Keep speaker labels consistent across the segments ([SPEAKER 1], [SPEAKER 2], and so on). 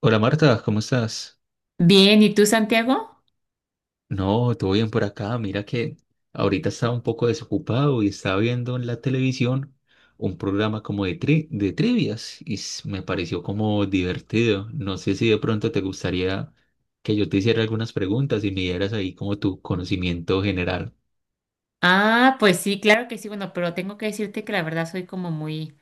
[SPEAKER 1] Hola Marta, ¿cómo estás?
[SPEAKER 2] Bien, ¿y tú, Santiago?
[SPEAKER 1] No, todo bien por acá. Mira que ahorita estaba un poco desocupado y estaba viendo en la televisión un programa como de, de trivias me pareció como divertido. No sé si de pronto te gustaría que yo te hiciera algunas preguntas y me dieras ahí como tu conocimiento general.
[SPEAKER 2] Ah, pues sí, claro que sí, bueno, pero tengo que decirte que la verdad soy como muy,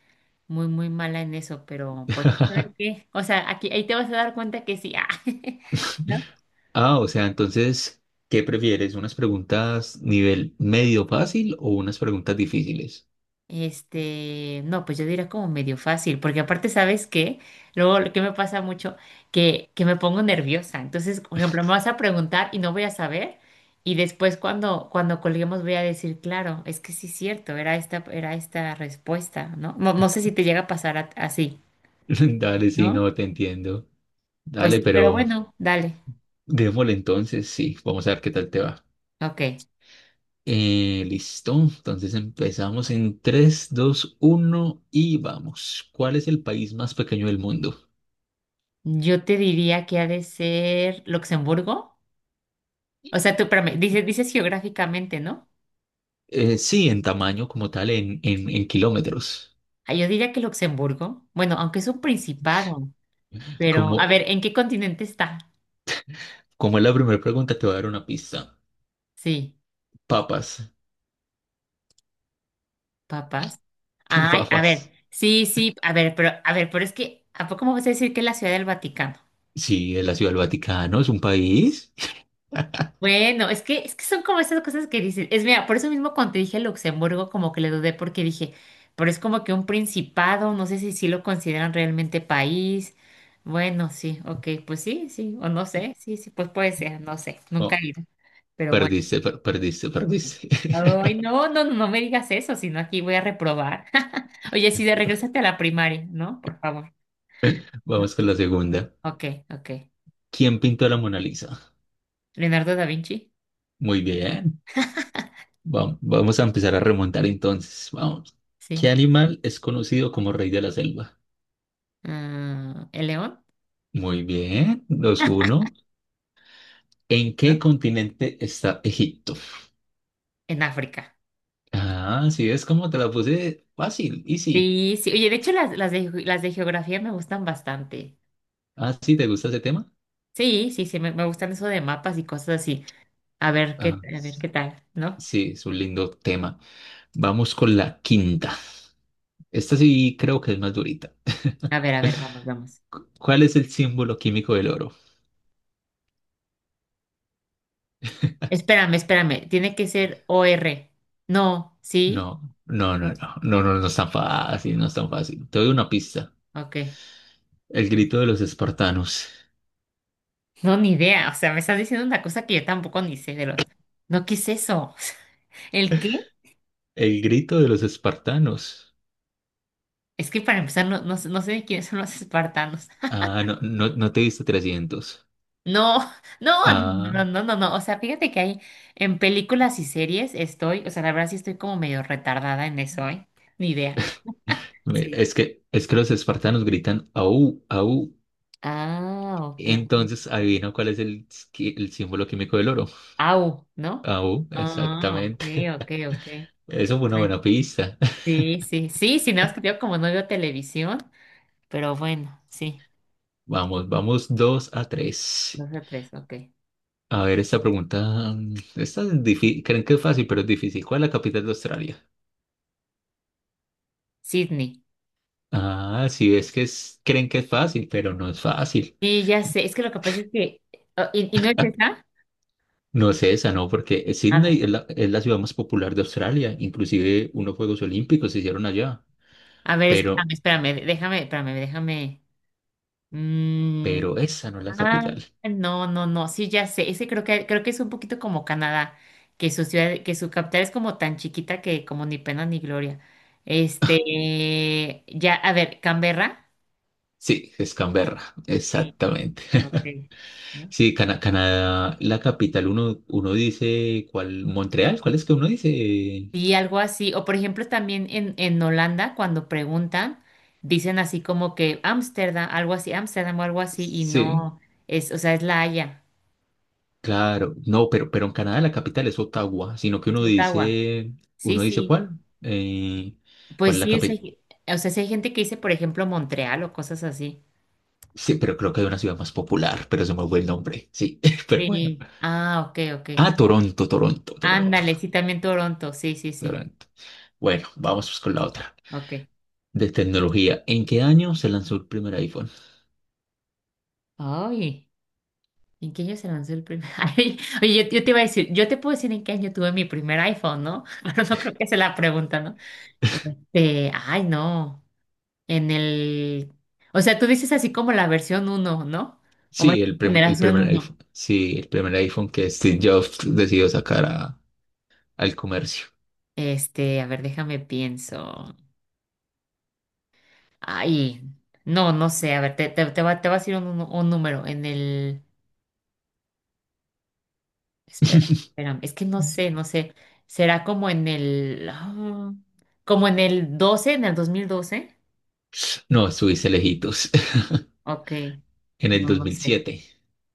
[SPEAKER 2] muy, muy mala en eso, pero pues, ¿sabes qué? O sea, aquí, ahí te vas a dar cuenta que sí, ¿no?
[SPEAKER 1] Ah, o sea, entonces, ¿qué prefieres? ¿Unas preguntas nivel medio fácil o unas preguntas difíciles?
[SPEAKER 2] No, pues yo diría como medio fácil, porque aparte, ¿sabes qué? Luego, lo que me pasa mucho, que me pongo nerviosa, entonces, por ejemplo, me vas a preguntar y no voy a saber, y después cuando colguemos voy a decir, claro, es que sí es cierto, era esta respuesta, ¿no? No, no sé si te llega a pasar así.
[SPEAKER 1] Dale, sí, no,
[SPEAKER 2] ¿No?
[SPEAKER 1] te entiendo.
[SPEAKER 2] Pues
[SPEAKER 1] Dale,
[SPEAKER 2] sí, pero
[SPEAKER 1] pero...
[SPEAKER 2] bueno, dale.
[SPEAKER 1] Démosle entonces, sí, vamos a ver qué tal te va.
[SPEAKER 2] Ok.
[SPEAKER 1] Listo, entonces empezamos en tres dos uno y vamos. ¿Cuál es el país más pequeño del mundo?
[SPEAKER 2] Yo te diría que ha de ser Luxemburgo. O sea, tú, espérame, dices geográficamente, ¿no?
[SPEAKER 1] Sí, en tamaño como tal, en kilómetros.
[SPEAKER 2] Ah, yo diría que Luxemburgo. Bueno, aunque es un principado, pero a
[SPEAKER 1] Como,
[SPEAKER 2] ver, ¿en qué continente está?
[SPEAKER 1] Como es la primera pregunta, te voy a dar una pista.
[SPEAKER 2] Sí,
[SPEAKER 1] Papas,
[SPEAKER 2] papas. Ay, a
[SPEAKER 1] papas.
[SPEAKER 2] ver, sí, sí, a ver, pero es que, ¿a poco me vas a decir que es la Ciudad del Vaticano?
[SPEAKER 1] Sí, es la Ciudad del Vaticano, es un país.
[SPEAKER 2] Bueno, es que son como esas cosas que dicen. Es mira, por eso mismo cuando te dije Luxemburgo, como que le dudé porque dije, pero es como que un principado, no sé si sí lo consideran realmente país. Bueno, sí, ok, pues sí, sí, o no sé, sí, sí, pues puede ser, no sé, nunca
[SPEAKER 1] Oh,
[SPEAKER 2] he ido, pero bueno.
[SPEAKER 1] perdiste, perdiste, perdiste.
[SPEAKER 2] Ay, no, no, no, no me digas eso, sino aquí voy a reprobar. Oye, sí, de regrésate a la primaria, ¿no? Por favor, ¿no?
[SPEAKER 1] Vamos con la segunda.
[SPEAKER 2] Ok, ok.
[SPEAKER 1] ¿Quién pintó la Mona Lisa?
[SPEAKER 2] Leonardo da Vinci,
[SPEAKER 1] Muy bien. Vamos a empezar a remontar entonces. Vamos.
[SPEAKER 2] sí.
[SPEAKER 1] ¿Qué animal es conocido como rey de la selva?
[SPEAKER 2] Ah, ¿el león?
[SPEAKER 1] Muy bien, dos uno. ¿En qué
[SPEAKER 2] ¿No?
[SPEAKER 1] continente está Egipto?
[SPEAKER 2] En África.
[SPEAKER 1] Ah, sí, es como te la puse fácil, easy.
[SPEAKER 2] Sí, sí. Oye, de hecho las de geografía me gustan bastante.
[SPEAKER 1] Ah, sí, ¿te gusta ese tema?
[SPEAKER 2] Sí, sí, sí, me gustan eso de mapas y cosas así. A ver qué,
[SPEAKER 1] Ah,
[SPEAKER 2] a ver
[SPEAKER 1] s-
[SPEAKER 2] qué tal, ¿no?
[SPEAKER 1] sí, es un lindo tema. Vamos con la quinta. Esta sí creo que es más durita.
[SPEAKER 2] A ver, vamos, vamos.
[SPEAKER 1] ¿Cuál es el símbolo químico del oro?
[SPEAKER 2] Espérame, espérame. Tiene que ser O R. No, ¿sí?
[SPEAKER 1] No, no es tan fácil, no es tan fácil. Te doy una pista.
[SPEAKER 2] Ok.
[SPEAKER 1] El grito de los espartanos.
[SPEAKER 2] No, ni idea. O sea, me estás diciendo una cosa que yo tampoco ni sé de los. No, ¿qué es eso? ¿El qué?
[SPEAKER 1] El grito de los espartanos.
[SPEAKER 2] Es que para empezar, no, no, no sé de quiénes son los espartanos.
[SPEAKER 1] Ah, no, no, no te diste 300.
[SPEAKER 2] No, no,
[SPEAKER 1] Ah,
[SPEAKER 2] no, no, no, no, no. O sea, fíjate que hay en películas y series estoy, o sea, la verdad sí estoy como medio retardada en eso, ¿eh? Ni idea. Sí.
[SPEAKER 1] es que los espartanos gritan au, au.
[SPEAKER 2] Ah, ok.
[SPEAKER 1] Entonces, adivina cuál es el, el símbolo químico del oro.
[SPEAKER 2] Au, ¿no?
[SPEAKER 1] Au,
[SPEAKER 2] Ah, ok,
[SPEAKER 1] exactamente.
[SPEAKER 2] ok, ok.
[SPEAKER 1] Eso fue una
[SPEAKER 2] Bueno,
[SPEAKER 1] buena pista.
[SPEAKER 2] sí, sí, sí, sí, nada más que yo como no veo televisión, pero bueno, sí,
[SPEAKER 1] Vamos, vamos dos a tres.
[SPEAKER 2] dos o tres, ok.
[SPEAKER 1] A ver, esta pregunta. Esta es difícil. Creen que es fácil, pero es difícil. ¿Cuál es la capital de Australia?
[SPEAKER 2] Sydney.
[SPEAKER 1] Ah, sí, es que creen que es fácil, pero no es fácil.
[SPEAKER 2] Sí, ya sé, es que lo que pasa es que, oh, ¿y no es esa?
[SPEAKER 1] No es esa, ¿no? Porque
[SPEAKER 2] A
[SPEAKER 1] Sydney
[SPEAKER 2] ver,
[SPEAKER 1] es la ciudad más popular de Australia. Inclusive unos Juegos Olímpicos se hicieron allá.
[SPEAKER 2] a ver,
[SPEAKER 1] Pero,
[SPEAKER 2] espérame, espérame, déjame, espérame, déjame. mm,
[SPEAKER 1] pero esa no es la
[SPEAKER 2] Ah,
[SPEAKER 1] capital.
[SPEAKER 2] no, no, no, sí, ya sé. Ese creo que es un poquito como Canadá, que su ciudad, que su capital es como tan chiquita que como ni pena ni gloria. Ya, a ver, Canberra.
[SPEAKER 1] Sí, es Canberra, exactamente.
[SPEAKER 2] Okay. ¿No?
[SPEAKER 1] Sí, Canadá, la capital, uno, uno dice, ¿cuál? Montreal, ¿cuál es que uno dice?
[SPEAKER 2] Sí, algo así. O por ejemplo, también en Holanda, cuando preguntan, dicen así como que Ámsterdam, algo así, Ámsterdam o algo así, y
[SPEAKER 1] Sí,
[SPEAKER 2] no es, o sea, es La Haya,
[SPEAKER 1] claro. No, pero en Canadá la capital es Ottawa, sino que
[SPEAKER 2] es Ottawa. Sí,
[SPEAKER 1] uno dice,
[SPEAKER 2] sí.
[SPEAKER 1] ¿cuál? ¿Cuál
[SPEAKER 2] Pues
[SPEAKER 1] es la
[SPEAKER 2] sí, o sea,
[SPEAKER 1] capital?
[SPEAKER 2] o sea, sí hay gente que dice, por ejemplo, Montreal o cosas así.
[SPEAKER 1] Sí, pero creo que hay una ciudad más popular, pero se me fue el nombre. Sí, pero bueno.
[SPEAKER 2] Sí. Ah, ok, ok.
[SPEAKER 1] Ah,
[SPEAKER 2] Ándale, sí, también Toronto, sí, sí, sí.
[SPEAKER 1] Toronto. Bueno, vamos pues con la otra.
[SPEAKER 2] Ok.
[SPEAKER 1] De tecnología. ¿En qué año se lanzó el primer iPhone?
[SPEAKER 2] Ay, ¿en qué año se lanzó el primer? Ay, oye, yo te iba a decir, yo te puedo decir en qué año tuve mi primer iPhone, ¿no? Pero no creo que sea la pregunta, ¿no? Ay, no. En el. O sea, tú dices así como la versión uno, ¿no? O más
[SPEAKER 1] Sí,
[SPEAKER 2] bien
[SPEAKER 1] el
[SPEAKER 2] generación
[SPEAKER 1] primer
[SPEAKER 2] uno.
[SPEAKER 1] iPhone. Sí, el primer iPhone que Steve Jobs decidió sacar al comercio.
[SPEAKER 2] A ver, déjame pienso. Ay, no, no sé. A ver, te va a decir un número. En el. Espera, espérame, es que no sé, no sé. ¿Será como como en el 12, en el 2012?
[SPEAKER 1] No, estuviste lejitos.
[SPEAKER 2] Ok,
[SPEAKER 1] En el
[SPEAKER 2] no,
[SPEAKER 1] dos
[SPEAKER 2] no
[SPEAKER 1] mil
[SPEAKER 2] sé.
[SPEAKER 1] siete.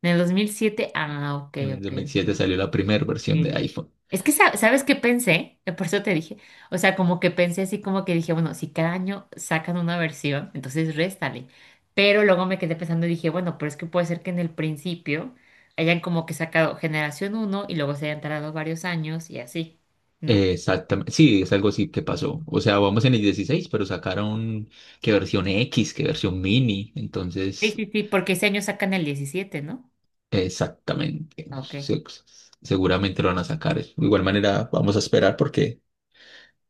[SPEAKER 2] ¿En el 2007? Ok,
[SPEAKER 1] En el
[SPEAKER 2] ok,
[SPEAKER 1] dos mil siete
[SPEAKER 2] ok.
[SPEAKER 1] salió la primera versión de
[SPEAKER 2] Sí.
[SPEAKER 1] iPhone.
[SPEAKER 2] Es que, ¿sabes qué pensé? Por eso te dije. O sea, como que pensé así, como que dije, bueno, si cada año sacan una versión, entonces réstale. Pero luego me quedé pensando y dije, bueno, pero es que puede ser que en el principio hayan como que sacado generación uno y luego se hayan tardado varios años y así, ¿no?
[SPEAKER 1] Exactamente. Sí, es algo así que pasó. O sea, vamos en el 16, pero sacaron qué versión X, qué versión mini.
[SPEAKER 2] Sí,
[SPEAKER 1] Entonces,
[SPEAKER 2] sí, sí, porque ese año sacan el 17, ¿no?
[SPEAKER 1] exactamente.
[SPEAKER 2] Ok.
[SPEAKER 1] Seguramente lo van a sacar. De igual manera, vamos a esperar porque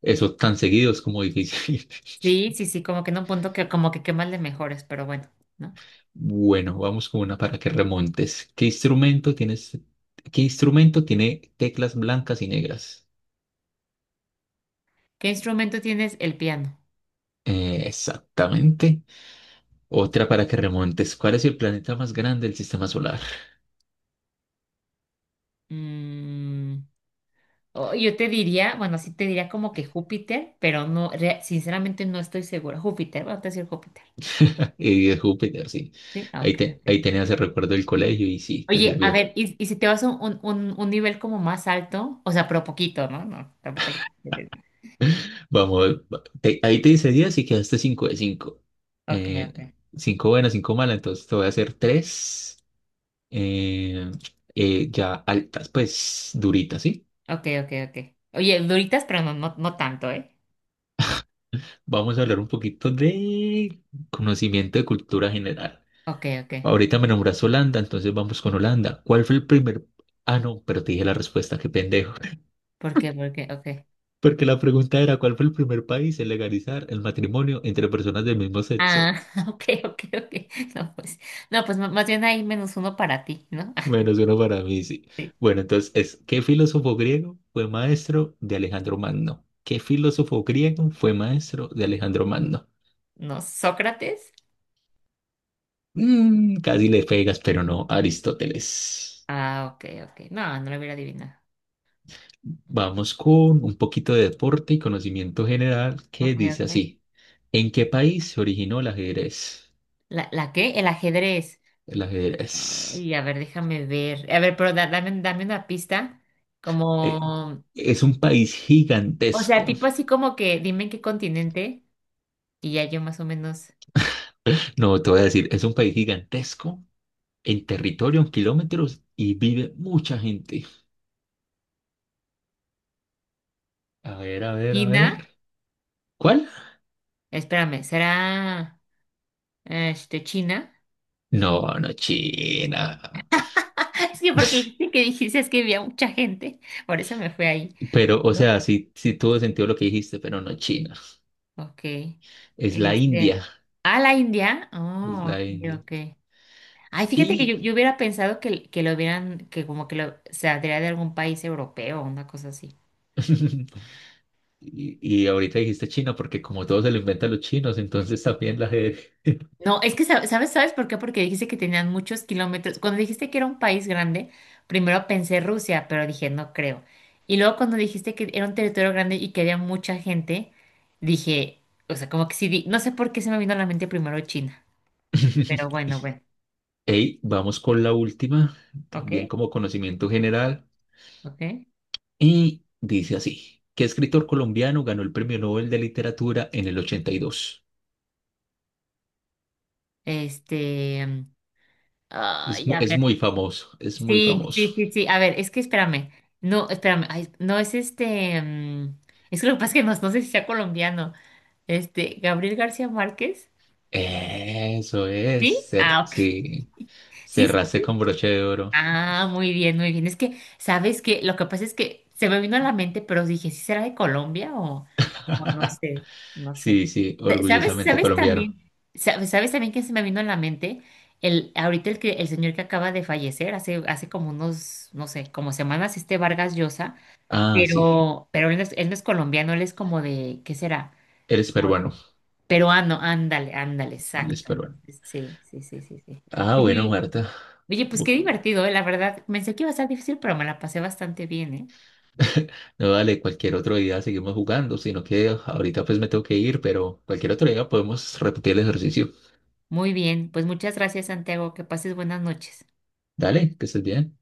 [SPEAKER 1] eso tan seguido es como difícil.
[SPEAKER 2] Sí, sí, sí, como que en un punto que como que qué más le mejores, pero bueno, ¿no?
[SPEAKER 1] Bueno, vamos con una para que remontes. ¿Qué instrumento tienes? ¿Qué instrumento tiene teclas blancas y negras?
[SPEAKER 2] ¿Qué instrumento tienes? El piano.
[SPEAKER 1] Exactamente. Otra para que remontes. ¿Cuál es el planeta más grande del sistema solar?
[SPEAKER 2] Mm, oh, yo te diría, bueno, sí te diría como que Júpiter, pero no, sinceramente no estoy segura. Júpiter, vamos a decir Júpiter.
[SPEAKER 1] Y es Júpiter, sí.
[SPEAKER 2] Sí, ah,
[SPEAKER 1] Ahí,
[SPEAKER 2] ok,
[SPEAKER 1] te, ahí
[SPEAKER 2] ok.
[SPEAKER 1] tenías el recuerdo del colegio y sí, te
[SPEAKER 2] Oye, a
[SPEAKER 1] sirvió.
[SPEAKER 2] ver, y si te vas a un nivel como más alto, o sea, pero poquito, ¿no? No, tampoco.
[SPEAKER 1] Vamos, ahí te hice 10 y quedaste 5 de cinco.
[SPEAKER 2] Ok,
[SPEAKER 1] Eh,
[SPEAKER 2] ok.
[SPEAKER 1] 5 buenas, 5 malas, entonces te voy a hacer 3 ya altas, pues duritas, ¿sí?
[SPEAKER 2] Ok, ok, ok. Oye, duritas, pero no, no, no tanto, ¿eh?
[SPEAKER 1] Vamos a hablar un poquito de conocimiento de cultura general.
[SPEAKER 2] Ok, ok.
[SPEAKER 1] Ahorita me nombraste Holanda, entonces vamos con Holanda. ¿Cuál fue el primer... Ah, no, pero te dije la respuesta, qué pendejo.
[SPEAKER 2] ¿Por qué? ¿Por qué? Ok.
[SPEAKER 1] Porque la pregunta era, ¿cuál fue el primer país en legalizar el matrimonio entre personas del mismo sexo?
[SPEAKER 2] Ah, ok, ok, ok. No, pues, no, pues más bien hay menos uno para ti, ¿no?
[SPEAKER 1] Menos uno para mí, sí. Bueno, entonces es, ¿qué filósofo griego fue maestro de Alejandro Magno? ¿Qué filósofo griego fue maestro de Alejandro Magno?
[SPEAKER 2] ¿No? ¿Sócrates?
[SPEAKER 1] Mm, casi le pegas, pero no, Aristóteles.
[SPEAKER 2] Ah, ok, ok. No, no lo hubiera adivinado.
[SPEAKER 1] Vamos con un poquito de deporte y conocimiento general que
[SPEAKER 2] Ok,
[SPEAKER 1] dice
[SPEAKER 2] ok.
[SPEAKER 1] así. ¿En qué país se originó el ajedrez?
[SPEAKER 2] ¿La qué? El ajedrez.
[SPEAKER 1] El ajedrez.
[SPEAKER 2] Ay, a ver, déjame ver. A ver, pero dame, dame una pista.
[SPEAKER 1] eh,
[SPEAKER 2] Como,
[SPEAKER 1] es un país
[SPEAKER 2] o sea,
[SPEAKER 1] gigantesco.
[SPEAKER 2] tipo así como que dime en qué continente y ya yo más o menos.
[SPEAKER 1] No, te voy a decir, es un país gigantesco en territorio, en kilómetros, y vive mucha gente. A ver, a ver, a
[SPEAKER 2] China,
[SPEAKER 1] ver. ¿Cuál?
[SPEAKER 2] espérame, ¿será China?
[SPEAKER 1] No, no China.
[SPEAKER 2] Sí, porque dijiste que dijiste es que había mucha gente, por eso me fui ahí,
[SPEAKER 1] Pero, o
[SPEAKER 2] ¿no?
[SPEAKER 1] sea, sí, sí tuvo sentido lo que dijiste, pero no China.
[SPEAKER 2] Ok.
[SPEAKER 1] Es la India.
[SPEAKER 2] Este, a la India.
[SPEAKER 1] Es
[SPEAKER 2] Oh,
[SPEAKER 1] la
[SPEAKER 2] ok,
[SPEAKER 1] India.
[SPEAKER 2] ok. Ay, fíjate que yo,
[SPEAKER 1] Y,
[SPEAKER 2] yo hubiera pensado que, lo hubieran, que como que lo, se traía de algún país europeo o una cosa así.
[SPEAKER 1] y ahorita dijiste China porque como todo se lo inventan los chinos, entonces también la gente...
[SPEAKER 2] No, es que sabes, ¿sabes por qué? Porque dijiste que tenían muchos kilómetros. Cuando dijiste que era un país grande, primero pensé Rusia, pero dije, no creo. Y luego cuando dijiste que era un territorio grande y que había mucha gente, dije, o sea, como que sí, no sé por qué se me vino a la mente primero China, pero bueno, bueno,
[SPEAKER 1] Ey, vamos con la última,
[SPEAKER 2] ok,
[SPEAKER 1] también como conocimiento general.
[SPEAKER 2] ok.
[SPEAKER 1] Y dice así, ¿qué escritor colombiano ganó el Premio Nobel de Literatura en el 82?
[SPEAKER 2] Este, mm,
[SPEAKER 1] Es,
[SPEAKER 2] ay, a
[SPEAKER 1] es muy
[SPEAKER 2] ver,
[SPEAKER 1] famoso, es muy
[SPEAKER 2] sí,
[SPEAKER 1] famoso.
[SPEAKER 2] sí, sí, sí, a ver, es que espérame, no, espérame, ay, no es es que lo que pasa es que no, no sé si sea colombiano, Gabriel García Márquez.
[SPEAKER 1] Eso es,
[SPEAKER 2] ¿Sí? Ah, ok.
[SPEAKER 1] sí,
[SPEAKER 2] Sí,
[SPEAKER 1] cerraste
[SPEAKER 2] sí.
[SPEAKER 1] con broche de oro.
[SPEAKER 2] Ah, muy bien, muy bien. Es que, ¿sabes qué? Lo que pasa es que se me vino a la mente, pero dije, ¿sí será de Colombia o no sé? No sé.
[SPEAKER 1] Sí, sí,
[SPEAKER 2] ¿Sabes?
[SPEAKER 1] orgullosamente
[SPEAKER 2] ¿Sabes
[SPEAKER 1] colombiano.
[SPEAKER 2] también? ¿Sabes también que se me vino a la mente? Ahorita el que el señor que acaba de fallecer, hace como unos, no sé, como semanas, Vargas Llosa,
[SPEAKER 1] Ah, sí,
[SPEAKER 2] pero él no es colombiano, él es como de, ¿qué será?
[SPEAKER 1] eres
[SPEAKER 2] Como
[SPEAKER 1] peruano,
[SPEAKER 2] de peruano, ándale, ándale,
[SPEAKER 1] eres
[SPEAKER 2] exacto.
[SPEAKER 1] peruano.
[SPEAKER 2] Entonces, sí, sí, sí, sí, sí.
[SPEAKER 1] Ah, bueno,
[SPEAKER 2] Oye,
[SPEAKER 1] Marta.
[SPEAKER 2] Oye, pues qué
[SPEAKER 1] Bu-
[SPEAKER 2] divertido, la verdad, pensé que iba a ser difícil, pero me la pasé bastante bien, ¿eh?
[SPEAKER 1] No, dale, cualquier otro día seguimos jugando, sino que ahorita pues me tengo que ir, pero cualquier otro día podemos repetir el ejercicio.
[SPEAKER 2] Muy bien, pues muchas gracias, Santiago, que pases buenas noches.
[SPEAKER 1] Dale, que estés bien.